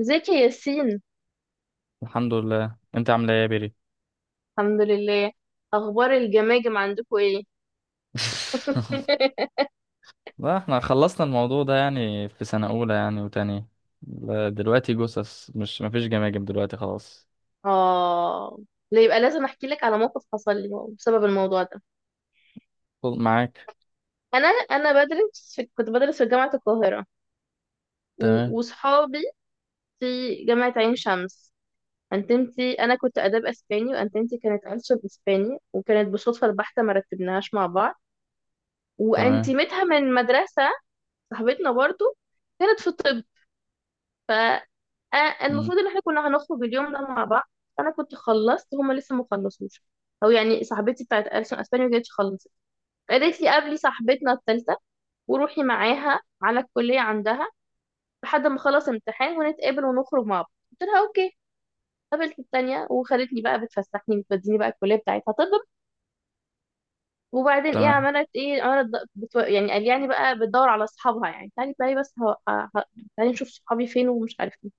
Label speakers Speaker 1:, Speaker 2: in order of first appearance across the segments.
Speaker 1: ازيك يا ياسين؟
Speaker 2: الحمد لله، انت عامله ايه يا بيري؟
Speaker 1: الحمد لله. اخبار الجماجم عندكم ايه؟
Speaker 2: لا، احنا خلصنا الموضوع ده يعني في سنه اولى يعني وتانية. لا، دلوقتي جثث، مش مفيش جماجم دلوقتي خلاص.
Speaker 1: اه، لا يبقى لازم احكي لك على موقف حصل لي بسبب الموضوع ده.
Speaker 2: خد معاك.
Speaker 1: انا بدرس في كنت بدرس في جامعه القاهره،
Speaker 2: تمام،
Speaker 1: وصحابي في جامعه عين شمس. انتمتي انا كنت اداب اسباني وانتمتي كانت انشب اسباني، وكانت بالصدفه البحته ما رتبناهاش مع بعض.
Speaker 2: تمام.
Speaker 1: وانتمتها من مدرسه صاحبتنا برضو كانت في الطب.
Speaker 2: مم.
Speaker 1: فالمفروض ان احنا كنا هنخرج اليوم ده مع بعض. انا كنت خلصت، هما لسه ما خلصوش. او يعني صاحبتي بتاعت ألسن اسبانيا ما كانتش خلصت. قالت لي قابلي صاحبتنا الثالثه وروحي معاها على الكليه عندها لحد ما خلص امتحان ونتقابل ونخرج مع بعض. قلت لها اوكي. قابلت التانية وخدتني بقى بتفسحني بتوديني بقى الكلية بتاعتها طب. وبعدين ايه؟
Speaker 2: تمام.
Speaker 1: عملت ايه؟ يعني قال يعني بقى بتدور على اصحابها يعني، تعالي بقى، بس تعالي نشوف صحابي فين ومش عارف إيه.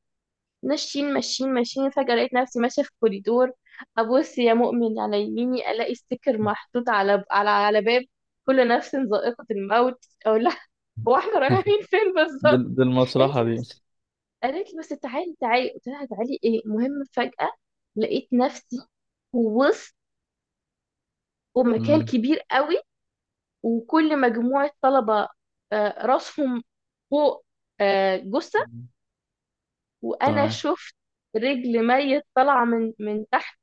Speaker 1: ماشيين ماشيين ماشيين، فجأة لقيت نفسي ماشية في كوريدور. أبص يا مؤمن على يميني، ألاقي ستيكر محطوط على باب، كل نفس ذائقة الموت. أقول لها هو احنا رايحين فين
Speaker 2: دي,
Speaker 1: بالظبط؟
Speaker 2: دي
Speaker 1: قالت
Speaker 2: المصلحه
Speaker 1: لي
Speaker 2: دي.
Speaker 1: بس قالت لي بس تعالي تعالي. قلت لها تعالي ايه؟ المهم فجأة لقيت نفسي ووسط، ومكان
Speaker 2: مم.
Speaker 1: كبير قوي، وكل مجموعة طلبة راسهم فوق، جثة، وأنا
Speaker 2: تمام.
Speaker 1: شفت رجل ميت طالعة من تحت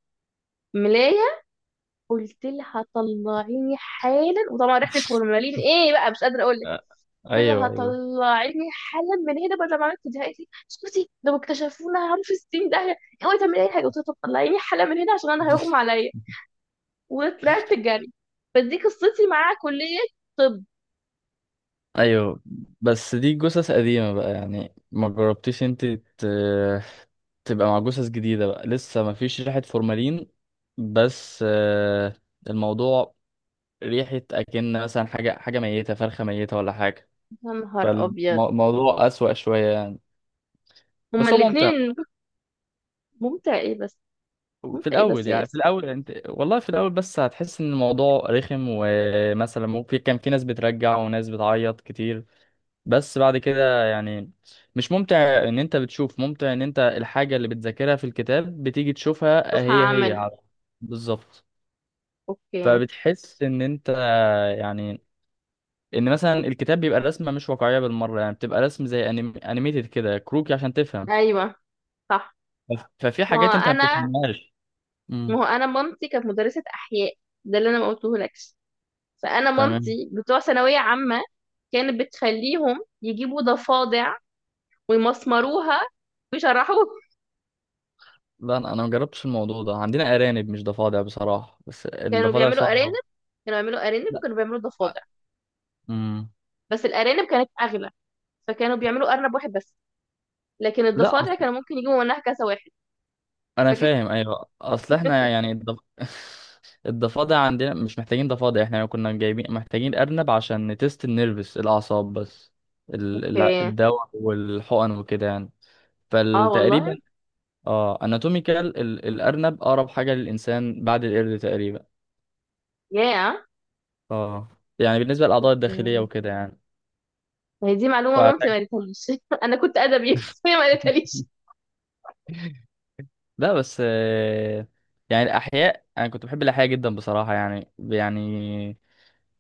Speaker 1: ملاية. قلت لها طلعيني حالا، وطبعا ريحه الفورمالين ايه بقى مش قادره اقول لك.
Speaker 2: آه،
Speaker 1: قلت
Speaker 2: ايوه،
Speaker 1: لها
Speaker 2: ايوه.
Speaker 1: طلعيني حالا من هنا، بدل ما عملت دي. قالت لي اسكتي، لو اكتشفونا هنروح في 60 داهيه، اوعي تعملي اي حاجه. قلت لها طب طلعيني حالا من هنا عشان انا هيغمى عليا. وطلعت جري. فدي قصتي مع كليه طب.
Speaker 2: ايوه، بس دي جثث قديمة بقى، يعني ما جربتيش انت تبقى مع جثث جديدة بقى لسه ما فيش ريحة فورمالين. بس الموضوع، ريحة اكن مثلا حاجة ميتة، فرخة ميتة ولا حاجة.
Speaker 1: يا نهار ابيض.
Speaker 2: فالموضوع أسوأ شوية يعني.
Speaker 1: هما
Speaker 2: بس هو ممتع.
Speaker 1: الاثنين. ممتع ايه بس؟
Speaker 2: في
Speaker 1: ممتع ايه
Speaker 2: الأول
Speaker 1: بس يا
Speaker 2: يعني، في
Speaker 1: ياسر؟
Speaker 2: الأول يعني أنت والله في الأول، بس هتحس إن الموضوع رخم، ومثلا ممكن كان في ناس بترجع وناس بتعيط كتير. بس بعد كده يعني مش ممتع، ان انت بتشوف ممتع ان انت الحاجة اللي بتذاكرها في الكتاب بتيجي تشوفها
Speaker 1: شوفها
Speaker 2: هي هي.
Speaker 1: عمل.
Speaker 2: بالظبط.
Speaker 1: اوكي.
Speaker 2: فبتحس ان انت، يعني ان مثلا الكتاب بيبقى الرسمة مش واقعية بالمرة، يعني بتبقى رسم زي انيميتد كده كروكي عشان تفهم.
Speaker 1: ايوه. صح.
Speaker 2: ففي
Speaker 1: ما هو
Speaker 2: حاجات انت ما
Speaker 1: انا
Speaker 2: بتفهمهاش.
Speaker 1: ما
Speaker 2: امم.
Speaker 1: هو انا مامتي كانت مدرسه احياء، ده اللي انا ما قلتهولكش. فانا
Speaker 2: تمام.
Speaker 1: مامتي بتوع ثانويه عامه، كانت بتخليهم يجيبوا ضفادع ويمسمروها ويشرحوها.
Speaker 2: لا، انا ما جربتش الموضوع ده، عندنا ارانب مش ضفادع بصراحة، بس
Speaker 1: كانوا
Speaker 2: الضفادع
Speaker 1: بيعملوا
Speaker 2: صعبة
Speaker 1: ارانب
Speaker 2: أوي.
Speaker 1: كانوا بيعملوا ارانب
Speaker 2: لا.
Speaker 1: وكانوا بيعملوا ضفادع،
Speaker 2: امم.
Speaker 1: بس الارانب كانت اغلى، فكانوا بيعملوا ارنب واحد بس، لكن
Speaker 2: لا،
Speaker 1: الضفادع كانوا ممكن يجيبوا منها كذا واحد.
Speaker 2: انا
Speaker 1: فكان
Speaker 2: فاهم، ايوه، اصل احنا يعني الضفادع عندنا مش محتاجين ضفادع، احنا كنا جايبين محتاجين ارنب عشان نتست النيرفس الاعصاب بس.
Speaker 1: اوكي.
Speaker 2: الدواء والحقن وكده يعني.
Speaker 1: اه
Speaker 2: فتقريبا.
Speaker 1: والله.
Speaker 2: اه. اناتوميكال الارنب اقرب حاجه للانسان بعد القرد تقريبا.
Speaker 1: يا
Speaker 2: اه، يعني بالنسبه للاعضاء الداخليه وكده يعني.
Speaker 1: هي دي معلومه مامتي ما
Speaker 2: فعشان.
Speaker 1: قالتهاليش. انا كنت ادبي بس هي ما قالتهاليش.
Speaker 2: لا، بس يعني الأحياء أنا كنت بحب الأحياء جدا بصراحة، يعني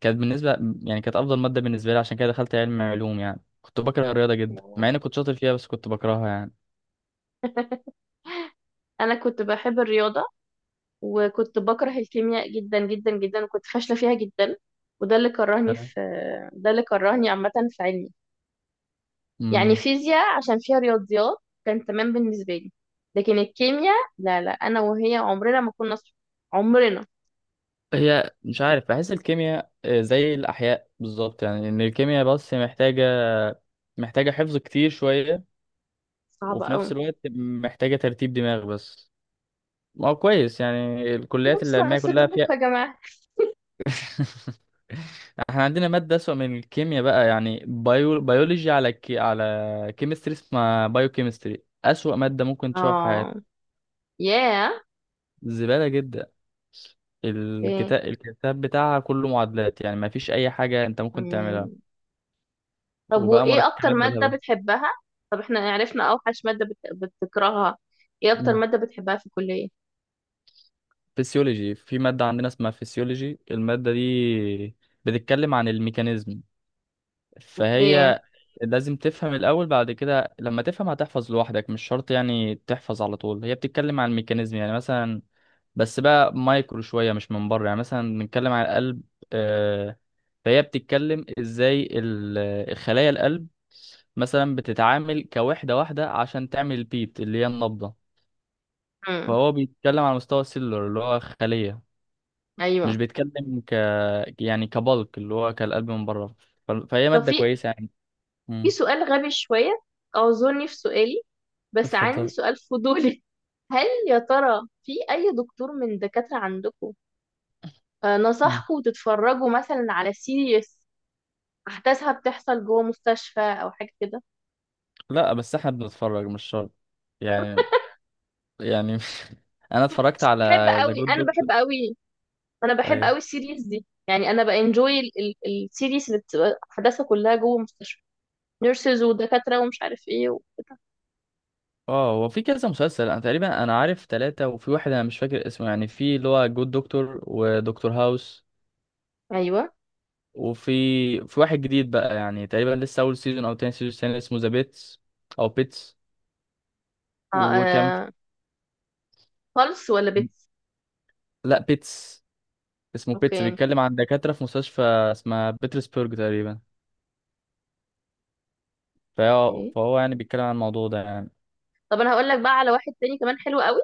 Speaker 2: كانت بالنسبة، يعني كانت أفضل مادة بالنسبة لي، عشان كده دخلت علم علوم، يعني كنت بكره الرياضة جدا مع إني كنت شاطر فيها بس كنت بكرهها يعني.
Speaker 1: انا كنت بحب الرياضه، وكنت بكره الكيمياء جدا جدا جدا، وكنت فاشلة فيها جدا. وده اللي كرهني
Speaker 2: تمام.
Speaker 1: في آه، ده اللي كرهني عامة في علمي. يعني
Speaker 2: امم
Speaker 1: فيزياء عشان فيها رياضيات كان تمام بالنسبة لي، لكن الكيمياء، لا لا، أنا وهي عمرنا ما كنا صحاب. عمرنا.
Speaker 2: هي مش عارف، بحس الكيمياء زي الأحياء بالظبط، يعني إن الكيمياء بس محتاجة حفظ كتير شوية،
Speaker 1: صعبة
Speaker 2: وفي نفس
Speaker 1: أوي.
Speaker 2: الوقت محتاجة ترتيب دماغ بس. ما هو كويس يعني، الكليات
Speaker 1: بص على
Speaker 2: العلمية كلها
Speaker 1: سيراميك
Speaker 2: فيها.
Speaker 1: يا جماعة.
Speaker 2: احنا عندنا مادة أسوأ من الكيمياء بقى، يعني بيولوجي على على كيمستري، اسمها بايو كيمستري، أسوأ مادة ممكن تشوفها في
Speaker 1: اه.
Speaker 2: حياتك.
Speaker 1: ياه.
Speaker 2: زبالة جدا.
Speaker 1: اوكي.
Speaker 2: الكتاب بتاعها كله معادلات، يعني ما فيش أي حاجة أنت ممكن تعملها،
Speaker 1: مم. طب
Speaker 2: وبقى
Speaker 1: وإيه أكتر
Speaker 2: مركبات
Speaker 1: مادة
Speaker 2: بالهبل.
Speaker 1: بتحبها؟ طب احنا عرفنا أوحش مادة بتكرهها، إيه أكتر
Speaker 2: مم.
Speaker 1: مادة بتحبها في الكلية؟
Speaker 2: فيسيولوجي، في مادة عندنا اسمها فيسيولوجي، المادة دي بتتكلم عن الميكانيزم.
Speaker 1: أوكي.
Speaker 2: فهي لازم تفهم الأول، بعد كده لما تفهم هتحفظ لوحدك، مش شرط يعني تحفظ على طول، هي بتتكلم عن الميكانيزم يعني مثلا، بس بقى مايكرو شوية مش من بره. يعني مثلا بنتكلم عن القلب، آه، فهي بتتكلم ازاي خلايا القلب مثلا بتتعامل كوحدة واحدة عشان تعمل البيت اللي هي النبضة.
Speaker 1: مم.
Speaker 2: فهو بيتكلم على مستوى السيلولر، اللي هو خلية، مش
Speaker 1: أيوه.
Speaker 2: بيتكلم يعني كبلك اللي هو كالقلب من بره. فهي
Speaker 1: طب
Speaker 2: مادة كويسة يعني.
Speaker 1: في
Speaker 2: مم.
Speaker 1: سؤال غبي شوية، أعذرني في سؤالي، بس عندي
Speaker 2: اتفضل.
Speaker 1: سؤال فضولي. هل يا ترى في أي دكتور من الدكاترة عندكم
Speaker 2: مم.
Speaker 1: نصحكم تتفرجوا مثلا على سيريس أحداثها بتحصل جوه مستشفى أو حاجة كده؟
Speaker 2: لا، بس احنا بنتفرج مش شرط، يعني، يعني. انا اتفرجت على
Speaker 1: بحب
Speaker 2: ذا
Speaker 1: أوي.
Speaker 2: جود
Speaker 1: أنا
Speaker 2: دكتور.
Speaker 1: بحب أوي أنا بحب أوي
Speaker 2: ايوه.
Speaker 1: السيريس دي، يعني أنا بانجوي السيريس اللي بتبقى أحداثها كلها جوه مستشفى، نيرسز ودكاترة ومش عارف إيه وكده.
Speaker 2: اه، هو في كذا مسلسل، انا تقريبا انا عارف ثلاثة، وفي واحد انا مش فاكر اسمه، يعني في اللي هو جود دكتور ودكتور هاوس.
Speaker 1: أيوه.
Speaker 2: وفي واحد جديد بقى يعني، تقريبا لسه اول سيزون او تاني سيزون، تاني اسمه ذا بيتس او بيتس.
Speaker 1: آه
Speaker 2: وكان
Speaker 1: آه، خالص ولا بيتس.
Speaker 2: لا، بيتس. اسمه بيتس،
Speaker 1: أوكي.
Speaker 2: بيتكلم عن دكاترة في مستشفى اسمها بيترسبرج تقريبا. فهو يعني بيتكلم عن الموضوع ده،
Speaker 1: طب انا هقول لك بقى على واحد تاني كمان حلو قوي،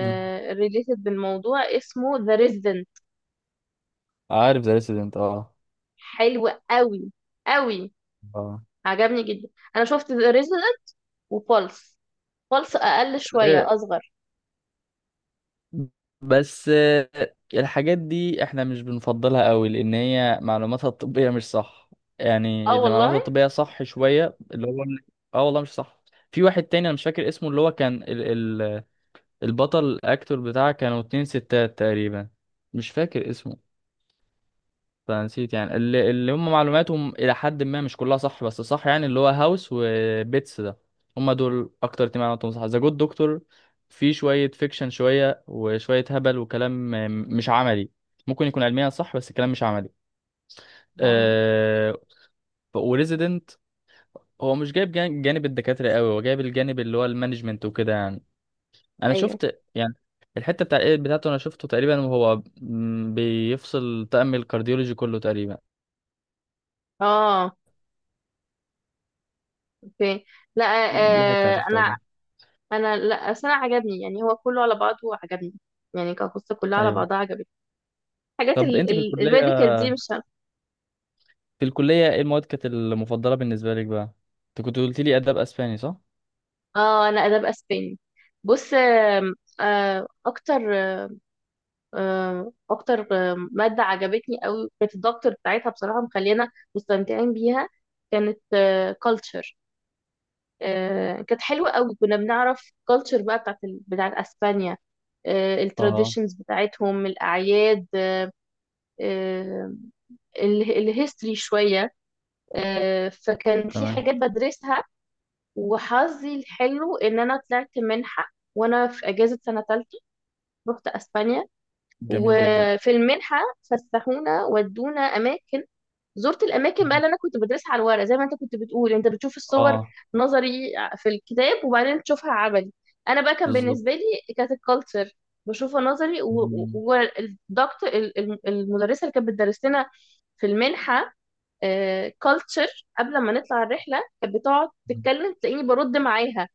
Speaker 2: يعني.
Speaker 1: ريليتد بالموضوع، اسمه ذا ريزيدنت.
Speaker 2: عارف ذا ريسيدنت، اه.
Speaker 1: حلو قوي قوي،
Speaker 2: اه.
Speaker 1: عجبني جدا. انا شفت ذا ريزيدنت وفولس. فولس اقل
Speaker 2: آه،
Speaker 1: شويه اصغر.
Speaker 2: بس الحاجات دي احنا مش بنفضلها قوي لان هي معلوماتها الطبية مش صح.
Speaker 1: اه
Speaker 2: يعني اللي
Speaker 1: والله.
Speaker 2: معلوماتها الطبية صح شوية، اللي هو اه والله مش صح. في واحد تاني انا مش فاكر اسمه، اللي هو كان ال... البطل الاكتور بتاعه، كانوا اتنين ستات تقريبا. مش فاكر اسمه. فنسيت، يعني اللي هم معلوماتهم الى حد ما مش كلها صح بس صح، يعني اللي هو هاوس وبيتس ده، هم دول اكتر اتنين معلوماتهم صح. ذا جود دكتور في شويه فيكشن شويه، وشويه هبل وكلام مش عملي. ممكن يكون علميا صح بس الكلام مش عملي.
Speaker 1: آه.
Speaker 2: أه وريزيدنت هو مش جايب جانب الدكاتره قوي، هو جايب الجانب اللي هو المانجمنت وكده يعني. انا
Speaker 1: ايوه.
Speaker 2: شفت يعني الحته بتاع الإيد بتاعته، انا شفته تقريبا، وهو بيفصل تأمل الكارديولوجي كله تقريبا.
Speaker 1: اه. اوكي. لا.
Speaker 2: دي حته انا
Speaker 1: آه
Speaker 2: شفتها
Speaker 1: انا
Speaker 2: كده.
Speaker 1: انا لا، بس انا عجبني يعني، هو كله على بعضه عجبني يعني، كقصه كلها على
Speaker 2: ايوه.
Speaker 1: بعضها عجبتني. حاجات
Speaker 2: طب
Speaker 1: ال
Speaker 2: انت في
Speaker 1: ال
Speaker 2: الكليه،
Speaker 1: الميديكال دي مش.
Speaker 2: في الكليه ايه المواد كانت المفضله بالنسبه لك بقى؟ انت كنت قلت لي اداب اسباني، صح؟
Speaker 1: اه انا اداب اسباني. بص، آه اكتر اكتر ماده عجبتني قوي، كانت الدكتور بتاعتها بصراحه مخلينا مستمتعين بيها. كانت كلتشر، كانت حلوه قوي. كنا بنعرف كلتشر بقى بتاعت بتاعت اسبانيا،
Speaker 2: اه.
Speaker 1: التراديشنز بتاعتهم، الاعياد، آه، الهيستوري شويه. فكان في
Speaker 2: تمام.
Speaker 1: حاجات بدرسها. وحظي الحلو ان انا طلعت منحه وانا في اجازه سنه ثالثه، رحت اسبانيا.
Speaker 2: جميل جدا.
Speaker 1: وفي المنحه فسحونا ودونا اماكن، زرت الاماكن بقى
Speaker 2: مم.
Speaker 1: اللي انا كنت بدرسها على الورق. زي ما انت كنت بتقول، انت بتشوف الصور
Speaker 2: اه.
Speaker 1: نظري في الكتاب وبعدين تشوفها عملي. انا بقى كان
Speaker 2: بالظبط.
Speaker 1: بالنسبه لي كانت الكالتشر بشوفها نظري.
Speaker 2: مم.
Speaker 1: والدكتور، المدرسه اللي كانت بتدرس لنا في المنحه كالتشر، قبل ما نطلع الرحله كانت بتقعد تتكلم تلاقيني برد معاها،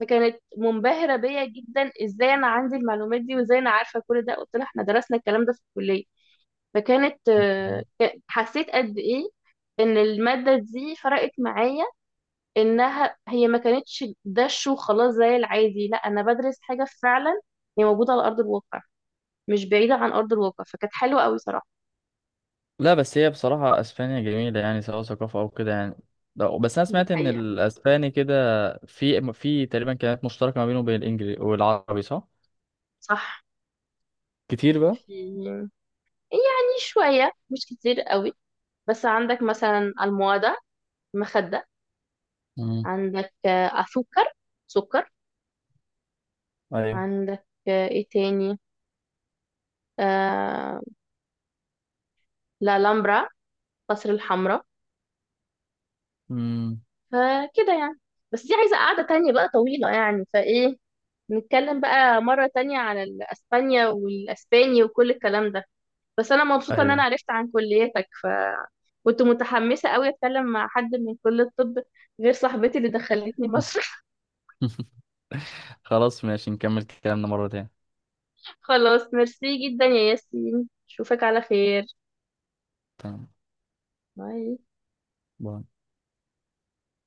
Speaker 1: فكانت منبهره بيا جدا ازاي انا عندي المعلومات دي وازاي انا عارفه كل ده. قلت لها احنا درسنا الكلام ده في الكليه. حسيت قد ايه ان المادة دي فرقت معايا، انها هي ما كانتش دش وخلاص زي العادي، لا انا بدرس حاجة فعلا هي موجودة على ارض الواقع، مش بعيدة عن ارض الواقع. فكانت حلوة قوي صراحة.
Speaker 2: لا، بس هي بصراحه اسبانيا جميله، يعني سواء ثقافه او كده يعني. لا، بس انا
Speaker 1: دي
Speaker 2: سمعت ان
Speaker 1: حقيقة.
Speaker 2: الاسباني كده، في تقريبا كلمات مشتركه ما بينه وبين الانجليزي والعربي، صح؟
Speaker 1: صح.
Speaker 2: كتير بقى.
Speaker 1: في يعني شوية مش كتير قوي. بس عندك مثلا الموادة، مخدة.
Speaker 2: امم.
Speaker 1: عندك أسكر، سكر.
Speaker 2: ايوه.
Speaker 1: عندك إيه تاني؟ آه... لا لامبرا، قصر الحمراء.
Speaker 2: امم.
Speaker 1: فكده يعني. بس دي عايزة قعدة تانية بقى طويلة يعني، فايه نتكلم بقى مرة تانية عن الأسبانيا والأسباني وكل الكلام ده. بس أنا مبسوطة إن أنا
Speaker 2: ايوه.
Speaker 1: عرفت عن كليتك، فكنت متحمسة أوي أتكلم مع حد من كلية الطب غير صاحبتي اللي دخلتني مصر.
Speaker 2: خلاص ماشي، نكمل كلامنا مره تانية.
Speaker 1: خلاص، ميرسي جدا يا ياسين، أشوفك على خير.
Speaker 2: تمام.
Speaker 1: باي
Speaker 2: باي.